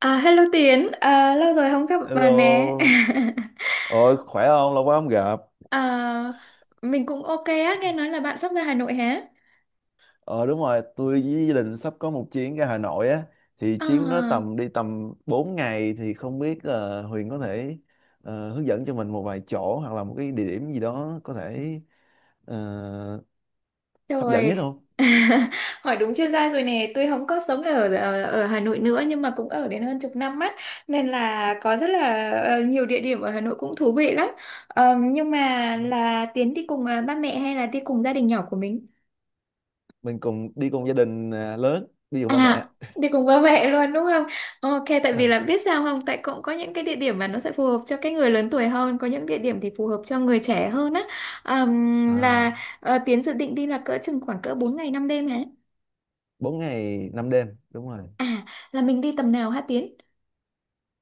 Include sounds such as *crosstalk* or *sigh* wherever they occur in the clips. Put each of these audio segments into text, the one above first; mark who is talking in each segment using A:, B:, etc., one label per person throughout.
A: À, hello Tiến, à, lâu rồi không gặp bà nè.
B: Hello,
A: *laughs*
B: ờ khỏe không? Lâu quá không gặp.
A: À, mình cũng ok á, nghe nói là bạn sắp ra Hà Nội hả?
B: Ờ đúng rồi, tôi với gia đình sắp có một chuyến ra Hà Nội á, thì chuyến đó
A: À,
B: tầm 4 ngày thì không biết là Huyền có thể hướng dẫn cho mình một vài chỗ hoặc là một cái địa điểm gì đó có thể ờ, hấp dẫn
A: trời,
B: nhất không?
A: *laughs* hỏi đúng chuyên gia rồi nè. Tôi không có sống ở, ở ở Hà Nội nữa nhưng mà cũng ở đến hơn chục năm á, nên là có rất là ờ, nhiều địa điểm ở Hà Nội cũng thú vị lắm. Ờ, nhưng mà là Tiến đi cùng ờ, ba mẹ hay là đi cùng gia đình nhỏ của mình?
B: Mình cùng đi cùng gia đình à, lớn, đi cùng ba
A: À,
B: mẹ.
A: đi cùng ba mẹ luôn đúng không? Ok, tại vì
B: Vâng.
A: là biết sao không? Tại cũng có những cái địa điểm mà nó sẽ phù hợp cho cái người lớn tuổi hơn, có những địa điểm thì phù hợp cho người trẻ hơn á. Ờm,
B: À,
A: là ờ, Tiến dự định đi là cỡ chừng khoảng cỡ 4 ngày 5 đêm hả?
B: 4 ngày 5 đêm, đúng rồi.
A: À, là mình đi tầm nào hả Tiến?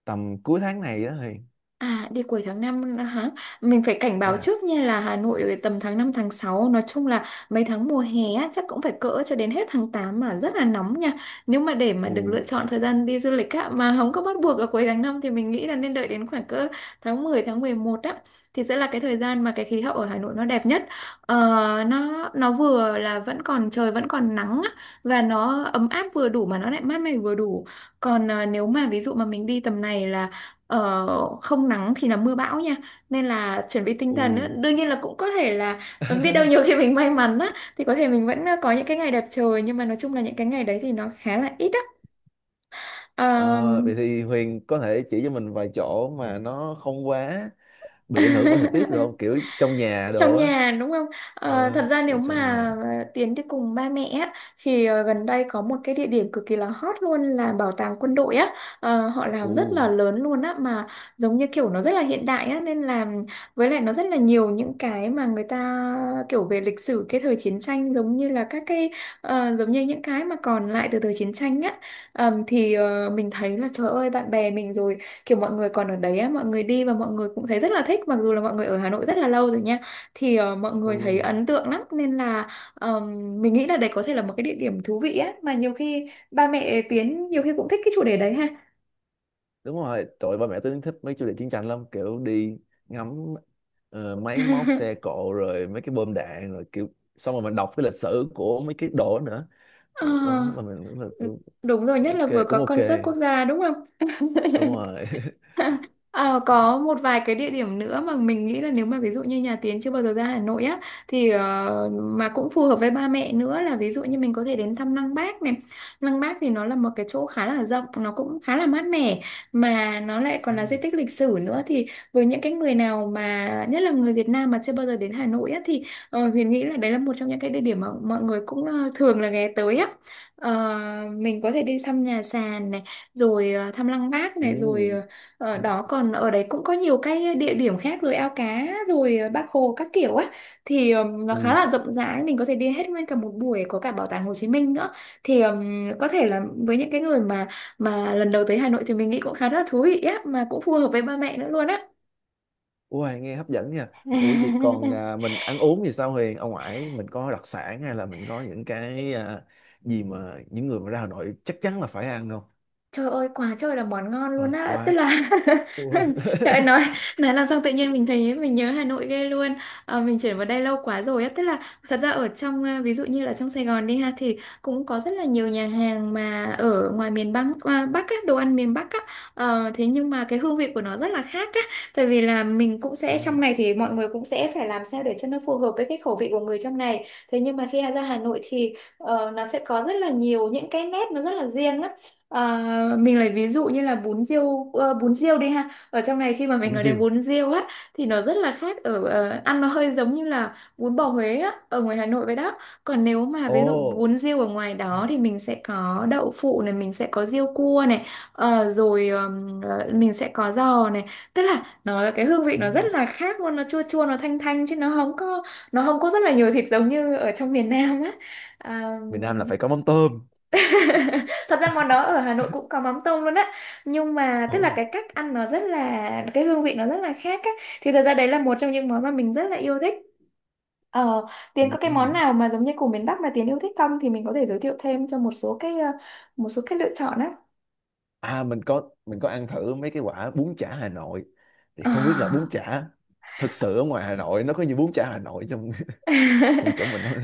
B: Tầm cuối tháng này đó Huyền.
A: À, đi cuối tháng 5 nữa hả? Mình phải cảnh báo
B: Dạ.
A: trước nha là Hà Nội tầm tháng 5 tháng sáu. Nói chung là mấy tháng mùa hè á, chắc cũng phải cỡ cho đến hết tháng 8 mà rất là nóng nha. Nếu mà để mà được lựa
B: Ù,
A: chọn thời gian đi du lịch á, mà không có bắt buộc là cuối tháng 5 thì mình nghĩ là nên đợi đến khoảng cỡ tháng 11 á. Thì sẽ là cái thời gian mà cái khí hậu ở Hà Nội nó đẹp nhất. Ờ, nó vừa là vẫn còn trời vẫn còn nắng á, và nó ấm áp vừa đủ mà nó lại mát mẻ vừa đủ. Còn à, nếu mà ví dụ mà mình đi tầm này là ờ, không nắng thì là mưa bão nha, nên là chuẩn bị tinh
B: ù.
A: thần á. Đương nhiên là cũng có thể là ừ, biết
B: *laughs*
A: đâu nhiều khi mình may mắn á thì có thể mình vẫn ờ, có những cái ngày đẹp trời, nhưng mà nói chung là những cái ngày đấy thì nó khá là ít á.
B: Ờ, vậy thì Huyền có thể chỉ cho mình vài chỗ mà nó không quá bị ảnh hưởng bởi thời tiết được không?
A: *laughs*
B: Kiểu trong nhà đồ
A: Trong
B: á.
A: nhà đúng không? Ờ,
B: Ờ,
A: thật ra nếu
B: được trong
A: mà
B: nhà.
A: ờ, Tiến đi cùng ba mẹ á, thì ờ, gần đây có một cái địa điểm cực kỳ là hot luôn là bảo tàng quân đội á. Ờ, họ làm rất
B: Ừ,
A: là lớn luôn á, mà giống như kiểu nó rất là hiện đại á, nên là với lại nó rất là nhiều những cái mà người ta kiểu về lịch sử cái thời chiến tranh, giống như là các cái ờ, giống như những cái mà còn lại từ thời chiến tranh á. Thì ờ, mình thấy là trời ơi bạn bè mình rồi, kiểu mọi người còn ở đấy á, mọi người đi và mọi người cũng thấy rất là thích, mặc dù là mọi người ở Hà Nội rất là lâu rồi nha, thì ờ, mọi
B: ừ.
A: người thấy ấn tượng lắm, nên là mình nghĩ là đấy có thể là một cái địa điểm thú vị á, mà nhiều khi ba mẹ Tiến nhiều khi cũng thích cái chủ đề đấy ha.
B: Đúng rồi, tụi ba mẹ tôi thích mấy chủ đề chiến tranh lắm. Kiểu đi ngắm máy móc xe
A: *laughs*
B: cộ rồi mấy cái bom đạn rồi kiểu xong rồi mình đọc cái lịch sử của mấy cái đồ đó nữa.
A: Ờ,
B: Đó, mà mình cũng là
A: ừ,
B: kiểu,
A: đúng rồi, nhất là vừa
B: ok,
A: có
B: cũng ok.
A: concert quốc gia đúng không?
B: Đúng
A: *laughs*
B: rồi. *laughs*
A: *laughs* Ờ, có một vài cái địa điểm nữa mà mình nghĩ là nếu mà ví dụ như nhà Tiến chưa bao giờ ra Hà Nội á, thì ờ, mà cũng phù hợp với ba mẹ nữa là ví dụ như mình có thể đến thăm Lăng Bác này. Lăng Bác thì nó là một cái chỗ khá là rộng, nó cũng khá là mát mẻ mà nó lại còn là di
B: Ừ.
A: tích lịch sử nữa, thì với những cái người nào mà nhất là người Việt Nam mà chưa bao giờ đến Hà Nội á thì ờ, Huyền nghĩ là đấy là một trong những cái địa điểm mà mọi người cũng ờ, thường là ghé tới á. Ờ, mình có thể đi thăm nhà sàn này, rồi ờ, thăm Lăng Bác này, rồi ờ,
B: Ừ.
A: ở đó còn ở đấy cũng có nhiều cái địa điểm khác, rồi ao cá, rồi ờ, Bác Hồ các kiểu ấy, thì nó khá
B: Ừ.
A: là rộng rãi, mình có thể đi hết nguyên cả một buổi, có cả bảo tàng Hồ Chí Minh nữa, thì có thể là với những cái người mà lần đầu tới Hà Nội thì mình nghĩ cũng khá là thú vị á, mà cũng phù hợp với ba mẹ nữa luôn á.
B: Ui, nghe hấp dẫn nha. Ủa vậy còn
A: *laughs*
B: à, mình ăn uống thì sao Huyền? Ở ngoài mình có đặc sản hay là mình có những cái à, gì mà những người mà ra Hà Nội chắc chắn là phải ăn không?
A: Trời ơi quá trời là món ngon luôn
B: Rồi,
A: á. Tức
B: quá.
A: là *laughs*
B: Ủa. *laughs*
A: trời ơi Nói làm xong tự nhiên mình thấy mình nhớ Hà Nội ghê luôn. Ờ, mình chuyển vào đây lâu quá rồi á. Tức là thật ra ở trong ờ, ví dụ như là trong Sài Gòn đi ha, thì cũng có rất là nhiều nhà hàng mà ở ngoài miền Bắc, à, Bắc á, đồ ăn miền Bắc á. Ờ, thế nhưng mà cái hương vị của nó rất là khác á. Tại vì là mình cũng sẽ
B: Ồ,
A: trong này, thì mọi người cũng sẽ phải làm sao để cho nó phù hợp với cái khẩu vị của người trong này. Thế nhưng mà khi ra Hà Nội thì ờ, nó sẽ có rất là nhiều những cái nét, nó rất là riêng á. Ờ, mình lấy ví dụ như là bún riêu ờ, bún riêu đi ha, ở trong này khi mà mình
B: bún
A: nói đến
B: riêu.
A: bún riêu á thì nó rất là khác, ở ờ, ăn nó hơi giống như là bún bò Huế á, ở ngoài Hà Nội vậy đó. Còn nếu mà ví dụ
B: Ồ.
A: bún riêu ở ngoài đó thì mình sẽ có đậu phụ này, mình sẽ có riêu cua này, ờ, rồi ờ, mình sẽ có giò này, tức là nó cái hương vị nó rất
B: Ừ.
A: là khác luôn, nó chua chua nó thanh thanh, chứ nó không có rất là nhiều thịt giống như ở trong miền Nam á. Ờ,
B: Miền Nam là phải có mắm tôm.
A: thật ra món đó ở Hà Nội cũng có mắm tôm luôn á. Nhưng mà tức là
B: Ồ.
A: cái cách ăn nó rất là, cái hương vị nó rất là khác á. Thì thật ra đấy là một trong những món mà mình rất là yêu thích. Ờ, Tiến có
B: Ừ.
A: cái
B: Ừ.
A: món nào mà giống như của miền Bắc mà Tiến yêu thích không? Thì mình có thể giới thiệu thêm cho một số cái ờ, một số cái lựa chọn á.
B: À, mình có ăn thử mấy cái quả bún chả Hà Nội. Thì không biết là bún
A: À.
B: chả thực sự ở ngoài Hà Nội nó có như bún chả Hà Nội trong *laughs* trong
A: *laughs*
B: chỗ mình không?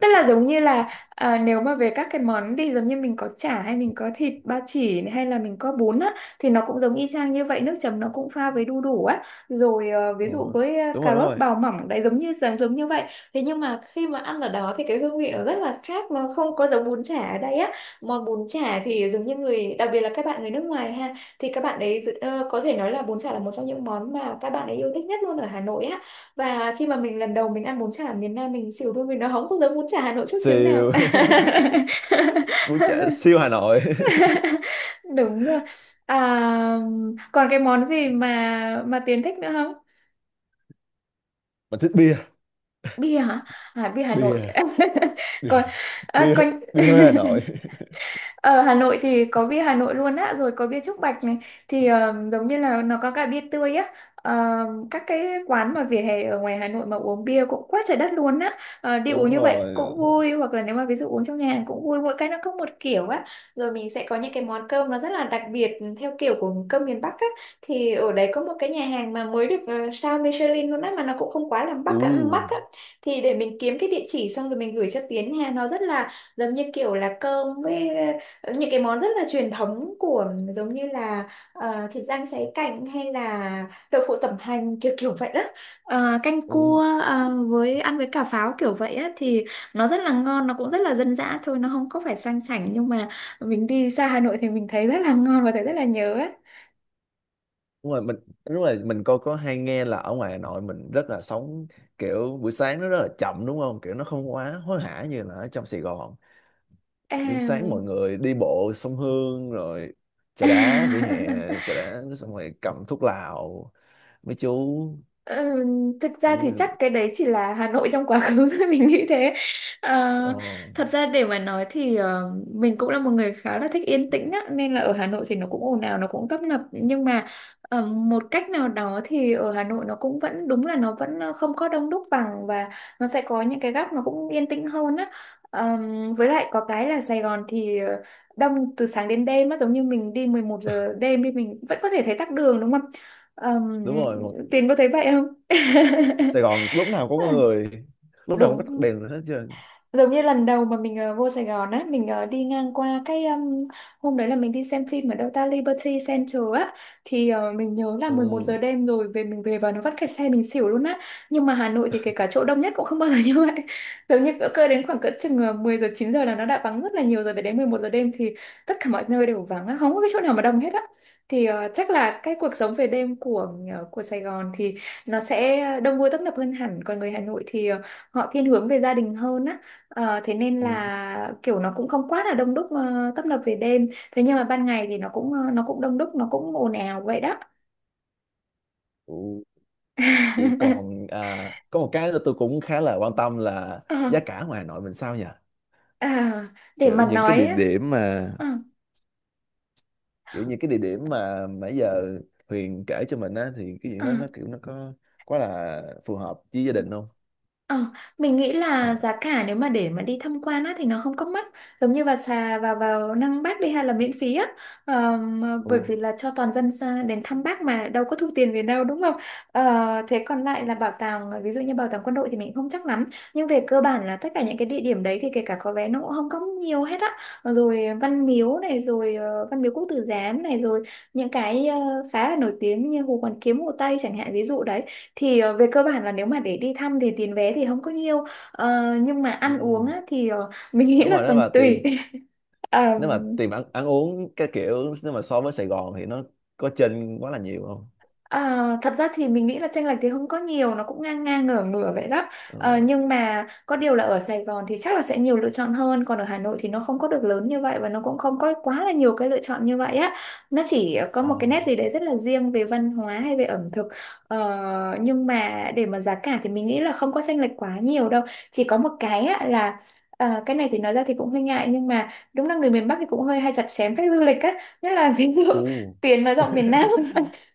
A: Tức là giống như là, à, nếu mà về các cái món thì giống như mình có chả hay mình có thịt ba chỉ hay là mình có bún á, thì nó cũng giống y chang như vậy, nước chấm nó cũng pha với đu đủ á, rồi ờ,
B: *laughs*
A: ví dụ
B: Ồ.
A: với ờ,
B: Đúng rồi,
A: cà
B: đúng
A: rốt
B: rồi.
A: bào mỏng đấy, giống như giống giống như vậy. Thế nhưng mà khi mà ăn ở đó thì cái hương vị nó rất là khác, nó không có giống bún chả ở đây á. Món bún chả thì giống như người, đặc biệt là các bạn người nước ngoài ha, thì các bạn ấy có thể nói là bún chả là một trong những món mà các bạn ấy yêu thích nhất luôn ở Hà Nội á. Và khi mà mình lần đầu mình ăn bún chả ở miền Nam, mình xỉu thôi, mình nó không có giống bún chả Hà Nội chút xíu nào.
B: Siêu
A: *laughs*
B: *laughs* bún chả siêu Hà Nội. *laughs*
A: Đúng rồi. À, còn cái món gì mà Tiến thích nữa không?
B: Mình thích bia.
A: Bia hả? À, bia Hà Nội.
B: Bia,
A: *laughs* Còn
B: bia,
A: à,
B: bia,
A: còn *laughs*
B: bia hơi Hà Nội.
A: ở Hà Nội thì có bia Hà Nội luôn á, rồi có bia Trúc Bạch này, thì giống như là nó có cả bia tươi á. Ờ, các cái quán mà vỉa hè ở ngoài Hà Nội mà uống bia cũng quá trời đất luôn á. Ờ,
B: *laughs*
A: đi uống
B: Đúng
A: như vậy cũng
B: rồi.
A: vui, hoặc là nếu mà ví dụ uống trong nhà hàng cũng vui, mỗi cái nó có một kiểu á. Rồi mình sẽ có những cái món cơm nó rất là đặc biệt, theo kiểu của cơm miền Bắc á. Thì ở đấy có một cái nhà hàng mà mới được sao Michelin luôn á, mà nó cũng không quá là mắc
B: U,
A: á. Thì để mình kiếm cái địa chỉ xong rồi mình gửi cho Tiến nha, nó rất là giống như kiểu là cơm với những cái món rất là truyền thống, của giống như là thịt rang cháy cạnh, hay là đậu phụ tẩm hành kiểu kiểu vậy đó. Canh cua
B: u,
A: với ăn với cà pháo kiểu vậy á, thì nó rất là ngon, nó cũng rất là dân dã thôi, nó không có phải sang chảnh, nhưng mà mình đi xa Hà Nội thì mình thấy rất là ngon và thấy rất là nhớ á.
B: đúng rồi mình đúng rồi mình coi có hay nghe là ở ngoài Hà Nội mình rất là sống, kiểu buổi sáng nó rất là chậm đúng không, kiểu nó không quá hối hả như là ở trong Sài Gòn. Buổi sáng
A: Em-
B: mọi người đi bộ sông Hương rồi trà đá vỉa hè,
A: *laughs*
B: trà đá xong rồi cầm thuốc lào mấy chú.
A: Ờ, Thực ra thì
B: Ừ,
A: chắc cái đấy chỉ là Hà Nội trong quá khứ thôi, *laughs* mình nghĩ thế. Ờ,
B: ờ,
A: Thật ra để mà nói thì, mình cũng là một người khá là thích yên tĩnh á, nên là ở Hà Nội thì nó cũng ồn ào, nó cũng tấp nập, nhưng mà một cách nào đó thì ở Hà Nội nó cũng vẫn, đúng là nó vẫn không có đông đúc bằng, và nó sẽ có những cái góc nó cũng yên tĩnh hơn á. Ờ, với lại có cái là Sài Gòn thì đông từ sáng đến đêm á, giống như mình đi 11 giờ đêm thì mình vẫn có thể thấy tắc đường, đúng không? Ờm,
B: đúng rồi.
A: Tiến có thấy vậy không?
B: Sài Gòn lúc nào cũng có người, lúc nào cũng có
A: *laughs*
B: tắt
A: Đúng.
B: đèn hết trơn.
A: Giống như lần đầu mà mình vô Sài Gòn á, mình đi ngang qua cái hôm đấy là mình đi xem phim ở đâu ta, Liberty Center á, thì mình nhớ là 11 giờ
B: Ừ,
A: đêm rồi, về mình về và nó vắt kẹt xe mình xỉu luôn á. Nhưng mà Hà Nội thì kể cả chỗ đông nhất cũng không bao giờ *laughs* như vậy. Giống như cỡ cơ đến khoảng cỡ chừng 10 giờ 9 giờ là nó đã vắng rất là nhiều rồi, về đến 11 giờ đêm thì tất cả mọi nơi đều vắng á, không có cái chỗ nào mà đông hết á. Thì chắc là cái cuộc sống về đêm của Sài Gòn thì nó sẽ đông vui tấp nập hơn hẳn, còn người Hà Nội thì họ thiên hướng về gia đình hơn á. Ờ, thế nên
B: ừ,
A: là kiểu nó cũng không quá là đông đúc, tấp nập về đêm, thế nhưng mà ban ngày thì nó cũng nó cũng đông đúc, nó cũng ồn ào vậy đó.
B: ừ. Vậy còn
A: *laughs*
B: à, có một cái nữa tôi cũng khá là quan tâm là
A: Ờ,
B: giá cả ngoài Hà Nội mình sao nhỉ,
A: ờ, để
B: kiểu
A: mà
B: những cái
A: nói
B: địa
A: á,
B: điểm mà
A: ờ,
B: kiểu những cái địa điểm mà nãy giờ Huyền kể cho mình á thì cái gì
A: ờ.
B: đó nó kiểu nó có quá là phù hợp với gia đình không?
A: Ờ, Mình nghĩ
B: À,
A: là giá cả nếu mà để mà đi tham quan á thì nó không có mắc, giống như vào xà vào vào Năng Bác đi hay là miễn phí á. Ờ, mà bởi
B: ừ.
A: vì là cho toàn dân đến thăm Bác mà đâu có thu tiền gì đâu, đúng không? Ờ, thế còn lại là bảo tàng, ví dụ như bảo tàng quân đội thì mình không chắc lắm, nhưng về cơ bản là tất cả những cái địa điểm đấy thì kể cả có vé nó cũng không có nhiều hết á. Rồi Văn Miếu này, rồi Văn Miếu Quốc Tử Giám này, rồi những cái khá là nổi tiếng như Hồ Hoàn Kiếm, Hồ Tây chẳng hạn, ví dụ đấy, thì về cơ bản là nếu mà để đi thăm thì tiền vé thì không có nhiều. Ờ, nhưng mà ăn uống
B: Ừ.
A: á, thì mình nghĩ
B: Đúng rồi,
A: là còn tùy.
B: nếu mà
A: *laughs*
B: tiền ăn ăn uống cái kiểu nếu mà so với Sài Gòn thì nó có chênh quá là nhiều không?
A: À, thật ra thì mình nghĩ là chênh lệch thì không có nhiều, nó cũng ngang ngang ngửa ngửa vậy đó. Ờ,
B: Ờ.
A: nhưng mà có điều là ở Sài Gòn thì chắc là sẽ nhiều lựa chọn hơn, còn ở Hà Nội thì nó không có được lớn như vậy, và nó cũng không có quá là nhiều cái lựa chọn như vậy á. Nó chỉ có
B: Ồ.
A: một cái nét gì đấy rất là riêng về văn hóa hay về ẩm thực. Ờ, nhưng mà để mà giá cả thì mình nghĩ là không có chênh lệch quá nhiều đâu. Chỉ có một cái á, là cái này thì nói ra thì cũng hơi ngại, nhưng mà đúng là người miền Bắc thì cũng hơi hay chặt chém khách du lịch á, nhất là ví dụ
B: U. *laughs*
A: *laughs* tiền nói rộng miền Nam,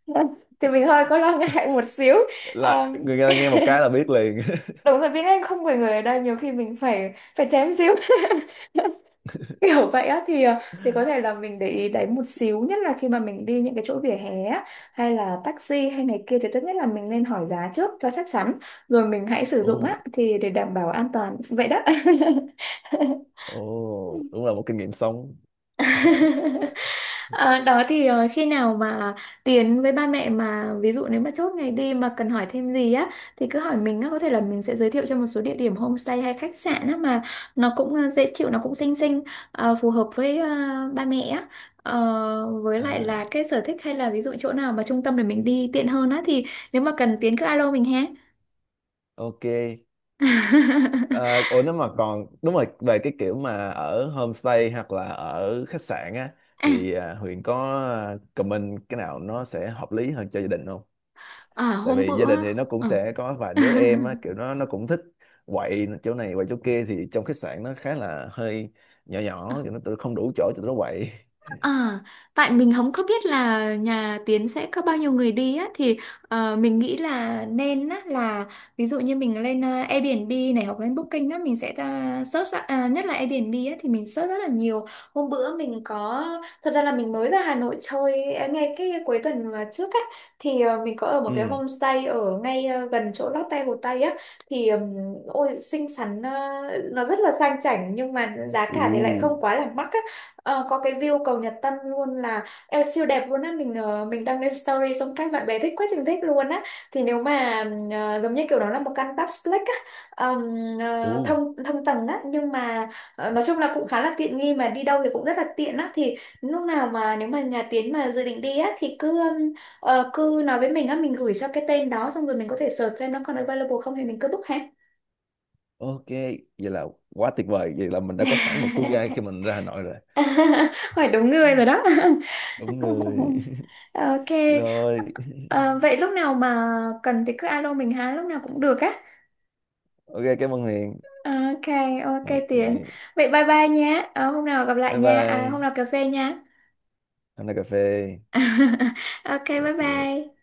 A: *laughs* thì mình hơi có lo *laughs* ngại một xíu. À,
B: Là người ta nghe một cái là biết liền.
A: đúng là tiếng Anh không phải người ở đây, nhiều khi mình phải phải chém xíu *laughs* kiểu vậy á, thì thì có thể là mình để ý đấy một xíu, nhất là khi mà mình đi những cái chỗ vỉa hè á, hay là taxi hay này kia, thì tốt nhất là mình nên hỏi giá trước cho chắc chắn rồi mình hãy
B: *laughs*
A: sử dụng
B: Ồ,
A: á, thì để đảm bảo an toàn vậy đó.
B: ồ,
A: *laughs*
B: đúng là một kinh nghiệm sống.
A: *laughs* Ờ, đó thì khi nào mà Tiến với ba mẹ, mà ví dụ nếu mà chốt ngày đi mà cần hỏi thêm gì á, thì cứ hỏi mình á, có thể là mình sẽ giới thiệu cho một số địa điểm homestay hay khách sạn á, mà nó cũng dễ chịu, nó cũng xinh xinh, phù hợp với ba mẹ á. Ờ, với lại là
B: À,
A: cái sở thích, hay là ví dụ chỗ nào mà trung tâm để mình đi tiện hơn á, thì nếu mà cần Tiến cứ alo mình ha.
B: ok. À,
A: *laughs*
B: ủa nếu mà còn đúng rồi về cái kiểu mà ở homestay hoặc là ở khách sạn á
A: à,
B: thì à, Huyền có comment cái nào nó sẽ hợp lý hơn cho gia đình không?
A: à,
B: Tại
A: hôm
B: vì gia đình
A: bữa
B: thì nó cũng
A: ờ.
B: sẽ có vài đứa em á,
A: *laughs*
B: kiểu nó cũng thích quậy chỗ này quậy chỗ kia thì trong khách sạn nó khá là hơi nhỏ nhỏ, kiểu nó tự không đủ chỗ cho tụi nó quậy.
A: À, tại mình không có biết là nhà Tiến sẽ có bao nhiêu người đi á, thì mình nghĩ là nên á là ví dụ như mình lên Airbnb này, hoặc lên Booking á, mình sẽ ra search á, à, nhất là Airbnb á thì mình search rất là nhiều. Hôm bữa mình có, thật ra là mình mới ra Hà Nội chơi à, ngay cái cuối tuần mà trước á, thì mình có ở một cái
B: Ừ.
A: homestay ở ngay gần chỗ Lotte Hồ Tây á, thì ôi xinh xắn, nó rất là sang chảnh nhưng mà giá
B: *laughs*
A: cả thì lại không
B: U.
A: quá là mắc á. Ờ, có cái view cầu Nhật Tân luôn là eo siêu đẹp luôn á, mình mình đăng lên story xong các bạn bè thích quá trình thích luôn á. Thì nếu mà giống như kiểu đó là một căn duplex á, ờm,
B: Ồ,
A: thông thông tầng á, nhưng mà nói chung là cũng khá là tiện nghi, mà đi đâu thì cũng rất là tiện á, thì lúc nào mà nếu mà nhà Tiến mà dự định đi á, thì cứ cứ nói với mình á, mình gửi cho cái tên đó xong rồi mình có thể search xem nó còn available không, thì mình cứ book ha.
B: ok, vậy là quá tuyệt vời. Vậy là mình đã có sẵn một tour guide khi
A: *laughs*
B: mình ra Hà Nội rồi.
A: *laughs* Hỏi đúng người rồi đó.
B: Đúng rồi. *laughs*
A: *laughs* Ok.
B: Rồi,
A: Ờ, vậy lúc nào mà cần thì cứ alo mình ha, lúc nào cũng được á.
B: ok, cảm ơn Huyền.
A: Ok, ok
B: Ok,
A: Tiến, vậy bye bye nhé. Ờ, hôm nào gặp lại
B: bye
A: nha, à, hôm
B: bye.
A: nào cà phê nha.
B: Hôm nay cà phê.
A: *laughs* Ok, bye
B: Ok.
A: bye.